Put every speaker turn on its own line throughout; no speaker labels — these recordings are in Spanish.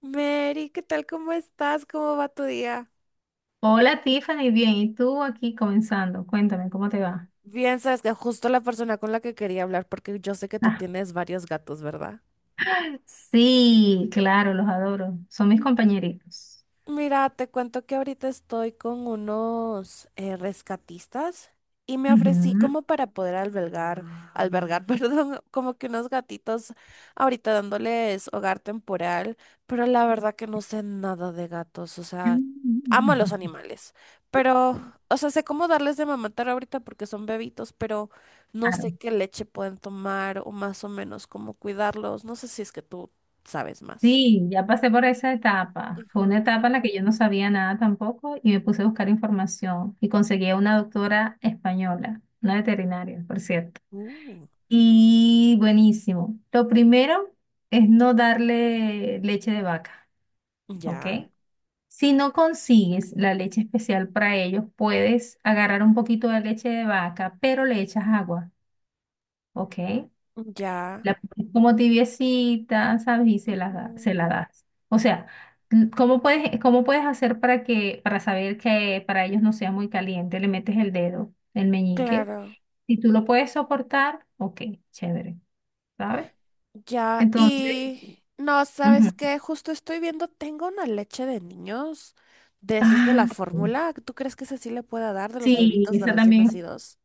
Mary, ¿qué tal? ¿Cómo estás? ¿Cómo va tu día?
Hola Tiffany, bien, ¿y tú aquí comenzando? Cuéntame, ¿cómo te va?
Bien, sabes que justo la persona con la que quería hablar, porque yo sé que tú
Ah,
tienes varios gatos, ¿verdad?
sí, claro, los adoro. Son mis compañeritos.
Mira, te cuento que ahorita estoy con unos rescatistas y me ofrecí
Ujú.
como para poder albergar, perdón, como que unos gatitos ahorita dándoles hogar temporal, pero la verdad que no sé nada de gatos, o sea, amo a los animales, pero, o sea, sé cómo darles de mamatar ahorita porque son bebitos, pero no
Claro.
sé qué leche pueden tomar o más o menos cómo cuidarlos, no sé si es que tú sabes más.
Sí, ya pasé por esa etapa. Fue
Ujú.
una etapa en la que yo no sabía nada tampoco y me puse a buscar información y conseguí a una doctora española, una veterinaria, por cierto.
Uh.
Y buenísimo. Lo primero es no darle leche de vaca, ¿ok?
Ya.
Si no consigues la leche especial para ellos, puedes agarrar un poquito de leche de vaca, pero le echas agua, ¿ok?
Ya,
La pones como tibiecita, ¿sabes? Y se la, da-
ujú,
se la das. O sea, ¿cómo puedes hacer para que, para saber que para ellos no sea muy caliente? Le metes el dedo, el meñique.
claro,
Si tú lo puedes soportar, ok, chévere, ¿sabes?
ya.
Entonces,
Y no, ¿sabes
ujú.
qué? Justo estoy viendo, tengo una leche de niños de esos de la
Ah,
fórmula. ¿Tú crees que esa sí le pueda dar de los
sí,
bebitos de
esa
recién
también.
nacidos?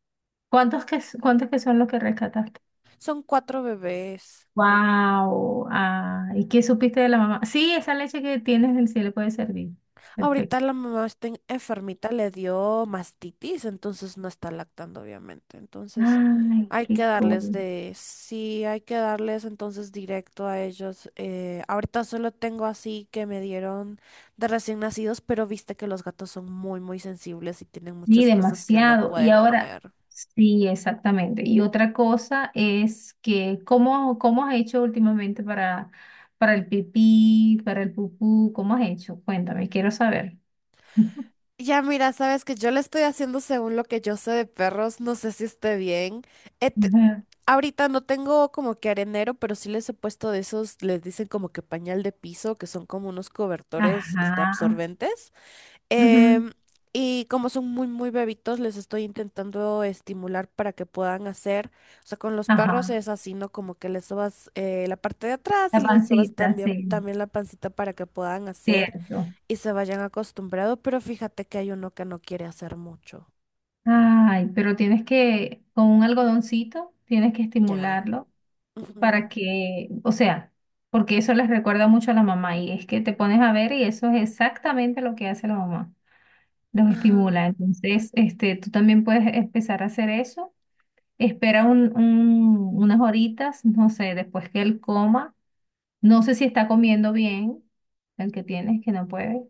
Cuántos que son los que rescataste?
Son cuatro bebés.
Wow. Ah, ¿y qué supiste de la mamá? Sí, esa leche que tienes del cielo puede servir.
Ahorita
Perfecto.
la mamá está enfermita, le dio mastitis, entonces no está lactando, obviamente. Entonces
Ay,
hay que
qué
darles
cool.
de, sí, hay que darles entonces directo a ellos. Ahorita solo tengo así que me dieron de recién nacidos, pero viste que los gatos son muy, muy sensibles y tienen
Sí,
muchas cosas que no
demasiado. Y
pueden comer.
ahora, sí, exactamente. Y otra cosa es que, ¿cómo has hecho últimamente para el pipí, para el pupú? ¿Cómo has hecho? Cuéntame, quiero saber.
Ya mira, sabes que yo le estoy haciendo según lo que yo sé de perros, no sé si esté bien. Eh, te-
Ujú.
ahorita no tengo como que arenero, pero sí les he puesto de esos, les dicen como que pañal de piso, que son como unos cobertores este,
Ajá.
absorbentes.
Ujú.
Em, y como son muy, muy bebitos, les estoy intentando estimular para que puedan hacer, o sea, con los perros
Ajá.
es así, ¿no? Como que les sobas la parte de atrás y
La
les sobas
pancita,
también,
sí.
también la pancita para que puedan hacer
Cierto.
y se vayan acostumbrados, pero fíjate que hay uno que no quiere hacer mucho.
Ay, pero tienes que, con un algodoncito, tienes que
Ya.
estimularlo
Ujú,
para que, o sea, porque eso les recuerda mucho a la mamá y es que te pones a ver y eso es exactamente lo que hace la mamá, los
ajá.
estimula. Entonces, este, tú también puedes empezar a hacer eso. Espera unas horitas, no sé, después que él coma. No sé si está comiendo bien, el que tienes, que no puede.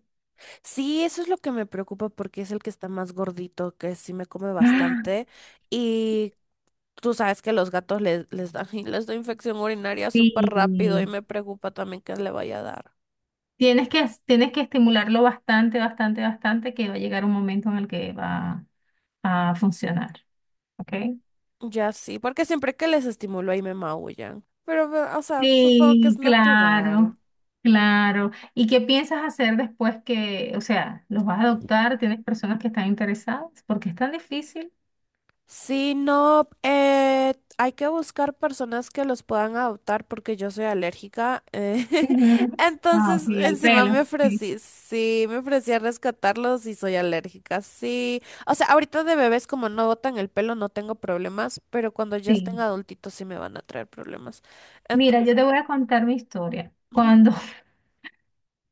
Sí, eso es lo que me preocupa porque es el que está más gordito, que sí me come
Ah,
bastante. Y tú sabes que los gatos les da, les da infección urinaria súper rápido y
sí.
me preocupa también que le vaya a dar.
Tienes que estimularlo bastante, bastante, bastante, que va a llegar un momento en el que va a funcionar, ¿ok?
Ya sí, porque siempre que les estimulo ahí me maullan. Pero, o sea, supongo que es
Sí,
natural.
claro, claro. ¿Y qué piensas hacer después que, o sea, los vas a adoptar?
Ujú.
¿Tienes personas que están interesadas? Porque es tan difícil.
Sí, no, hay que buscar personas que los puedan adoptar porque yo soy alérgica.
Ujú. Ah,
Entonces,
sí, al
encima me
pelo. Sí,
ofrecí, sí, me ofrecí a rescatarlos y soy alérgica, sí. O sea, ahorita de bebés como no botan el pelo no tengo problemas, pero cuando ya estén
sí.
adultitos sí me van a traer problemas.
Mira,
Entonces,
yo te voy a contar mi historia.
ujú,
Cuando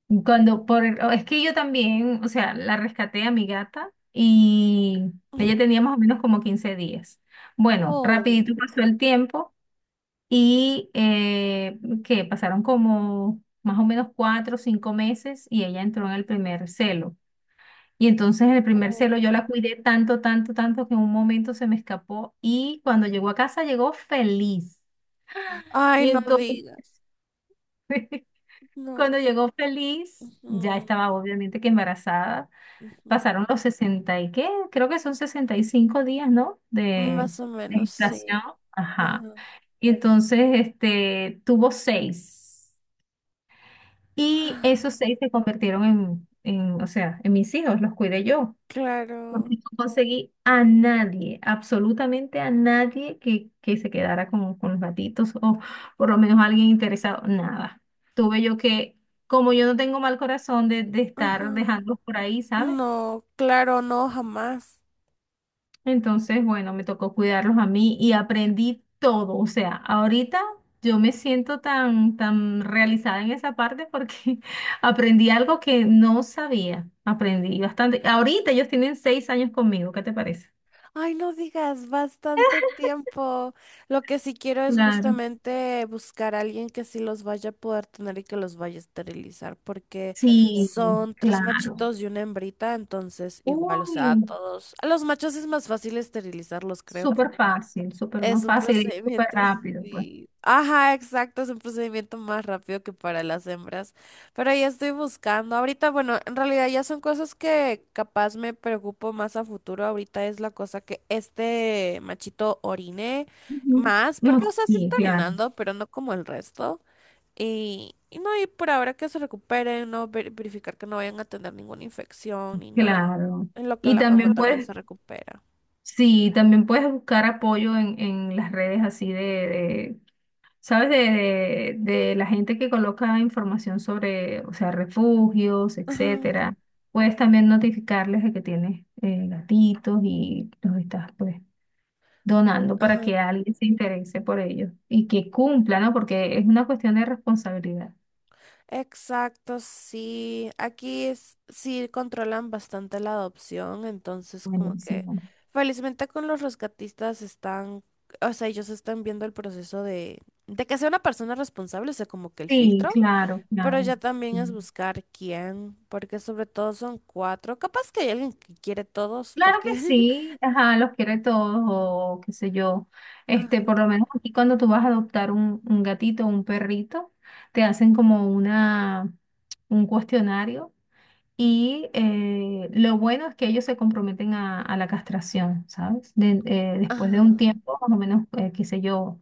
Es que yo también, o sea, la rescaté a mi gata y ella
ujú.
tenía más o menos como 15 días. Bueno, rapidito
Oh,
pasó el tiempo y que pasaron como más o menos 4 o 5 meses y ella entró en el primer celo. Y entonces en el primer
oh.
celo yo la cuidé tanto, tanto, tanto que en un momento se me escapó y cuando llegó a casa llegó feliz.
Ay,
Y
no
entonces
digas, no.
cuando llegó feliz, ya
Ujú,
estaba obviamente que embarazada
ujú,
pasaron los 60 y qué, creo que son 65 días, ¿no? De
más o
de
menos,
gestación.
sí.
Ajá.
Ajá.
Y entonces, este, tuvo seis. Y esos seis se convirtieron en, o sea, en mis hijos, los cuidé yo.
Claro.
Porque no conseguí a nadie, absolutamente a nadie que se quedara con los gatitos o por lo menos alguien interesado, nada. Tuve yo que, como yo no tengo mal corazón de estar
Ajá.
dejándolos por ahí, ¿sabes?
No, claro, no, jamás.
Entonces, bueno, me tocó cuidarlos a mí y aprendí todo. O sea, ahorita yo me siento tan, tan realizada en esa parte porque aprendí algo que no sabía. Aprendí bastante. Ahorita ellos tienen 6 años conmigo, ¿qué te parece?
Ay, no digas, bastante tiempo. Lo que sí quiero es
Claro.
justamente buscar a alguien que sí los vaya a poder tener y que los vaya a esterilizar, porque
Sí,
son tres
claro.
machitos y una hembrita, entonces igual, o sea, a
Uy,
todos, a los machos es más fácil esterilizarlos, creo,
súper
porque
fácil, súper
es
más
un
fácil y súper
procedimiento,
rápido, pues.
sí. Ajá, exacto, es un procedimiento más rápido que para las hembras. Pero ya estoy buscando. Ahorita, bueno, en realidad ya son cosas que capaz me preocupo más a futuro. Ahorita es la cosa que este machito orine
Ujú.
más, porque, o
No,
sea, sí
sí,
está
claro,
orinando, pero no como el resto. Y no, y por ahora que se recuperen, no verificar que no vayan a tener ninguna infección ni nada.
claro.
En lo que
Y
la mamá
también
también
puedes
se recupera.
Sí, también puedes buscar apoyo en las redes así de, ¿sabes? De la gente que coloca información sobre, o sea, refugios,
Ajá,
etcétera. Puedes también notificarles de que tienes gatitos y los estás pues donando para
ajá.
que alguien se interese por ellos y que cumpla, ¿no? Porque es una cuestión de responsabilidad.
Exacto, sí. Aquí sí controlan bastante la adopción, entonces como que
Buenísimo.
felizmente con los rescatistas están, o sea, ellos están viendo el proceso de que sea una persona responsable, o sea, como que el
Sí,
filtro,
claro,
pero
claro.
ya también es
Claro.
buscar quién, porque sobre todo son cuatro. Capaz que hay alguien que quiere todos,
Claro que
porque...
sí, ajá, los quiere todos o qué sé yo. Este,
Ah,
por lo menos aquí cuando tú vas a adoptar un gatito o un perrito, te hacen como una, un cuestionario y lo bueno es que ellos se comprometen a la castración, ¿sabes? Después de
ah,
un tiempo, más o menos, qué sé yo,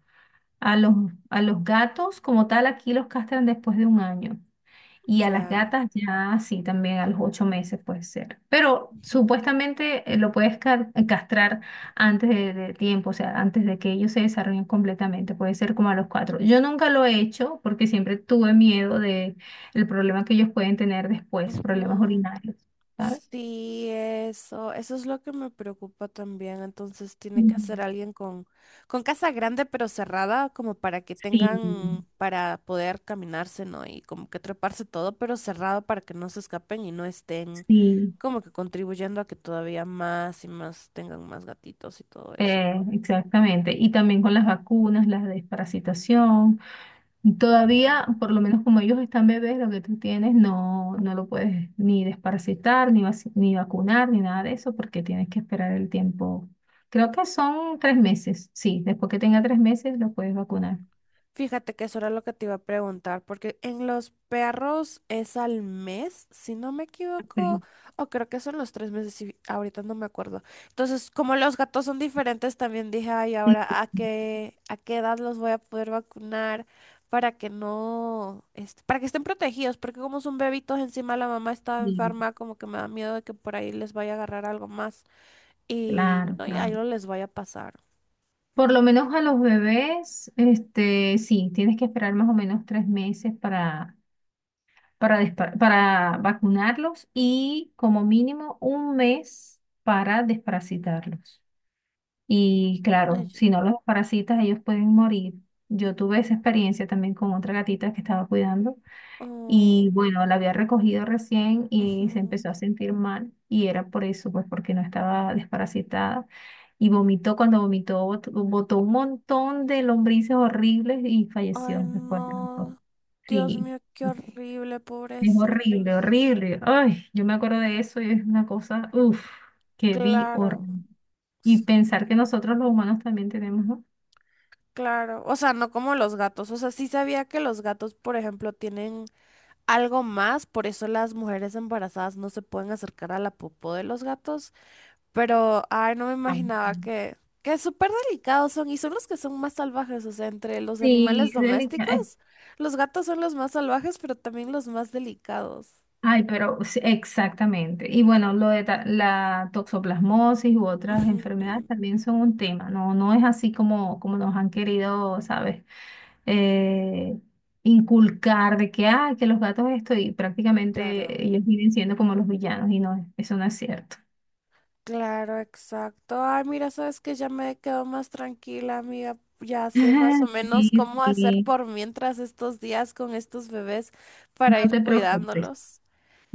a los, a los gatos como tal aquí los castran después de un año. Y a las
ya.
gatas ya sí, también a los 8 meses puede ser. Pero supuestamente lo puedes castrar antes de tiempo, o sea, antes de que ellos se desarrollen completamente. Puede ser como a los cuatro. Yo nunca lo he hecho porque siempre tuve miedo de el problema que ellos pueden tener después, problemas
Ujú.
urinarios, ¿sabes?
Sí, eso es lo que me preocupa también. Entonces tiene que
Ujú.
ser alguien con casa grande pero cerrada, como para que
Sí,
tengan, para poder caminarse, ¿no? Y como que treparse todo, pero cerrado para que no se escapen y no estén
sí,
como que contribuyendo a que todavía más y más tengan más gatitos y todo eso.
exactamente. Y también con las vacunas, la desparasitación. Y
Ujú.
todavía, por lo menos como ellos están bebés, lo que tú tienes no, no lo puedes ni desparasitar, ni, ni vacunar, ni nada de eso, porque tienes que esperar el tiempo. Creo que son 3 meses. Sí, después que tenga 3 meses lo puedes vacunar.
Fíjate que eso era lo que te iba a preguntar, porque en los perros es al mes, si no me equivoco,
Ok.
o creo que son los 3 meses, si ahorita no me acuerdo. Entonces, como los gatos son diferentes, también dije, ay,
Sí,
ahora, ¿a qué edad los voy a poder vacunar para que no, este, para que estén protegidos? Porque como son bebitos, encima la mamá estaba
sí,
enferma, como que me da miedo de que por ahí les vaya a agarrar algo más y
claro,
no, y ahí
claro.
no les vaya a pasar.
Por lo menos a los bebés, este, sí, tienes que esperar más o menos 3 meses para, para vacunarlos y como mínimo un mes para desparasitarlos. Y
Ay,
claro,
ya.
si no los parasitas, ellos pueden morir. Yo tuve esa experiencia también con otra gatita que estaba cuidando y
Oh,
bueno, la había recogido recién y se
ujú.
empezó a sentir mal y era por eso, pues porque no estaba desparasitada y vomitó, cuando vomitó botó un montón de lombrices horribles y
Ay,
falleció después de rato.
no. Dios
Sí,
mío, qué horrible,
es horrible,
pobrecitos.
horrible. Ay, yo me acuerdo de eso y es una cosa, uff, que vi
Claro,
horrible. Y
s-
pensar que nosotros los humanos también tenemos, ¿no?
claro. O sea, no como los gatos. O sea, sí sabía que los gatos, por ejemplo, tienen algo más, por eso las mujeres embarazadas no se pueden acercar a la popó de los gatos. Pero, ay, no me
Ujú.
imaginaba que súper delicados son y son los que son más salvajes. O sea, entre los
Sí,
animales
es delicado.
domésticos, los gatos son los más salvajes, pero también los más delicados.
Ay, pero sí, exactamente. Y bueno, lo de la toxoplasmosis u otras
Ujú,
enfermedades también son un tema. No, no es así como, como nos han querido, ¿sabes? Eh, Inculcar de que, que los gatos esto y
claro.
prácticamente ellos vienen siendo como los villanos y no, eso no es cierto.
Claro, exacto. Ay, mira, sabes que ya me quedo más tranquila, amiga. Ya sé más o menos
Sí,
cómo hacer
sí,
por mientras estos días con estos bebés para
no
ir
te preocupes.
cuidándolos.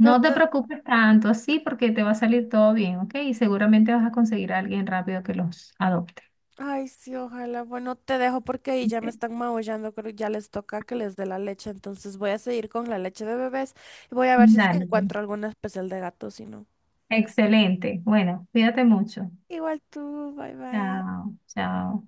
Pero
te
te...
preocupes tanto, sí, porque te va a salir todo bien, ¿ok? Y seguramente vas a conseguir a alguien rápido que los adopte.
Ay, sí, ojalá. Bueno, te dejo porque ahí ya me
Ok.
están maullando. Creo que ya les toca que les dé la leche. Entonces voy a seguir con la leche de bebés y voy a ver si es que
Dale, pues.
encuentro alguna especial de gato, si no.
Excelente. Bueno, cuídate mucho.
Igual tú, bye bye.
Chao, chao.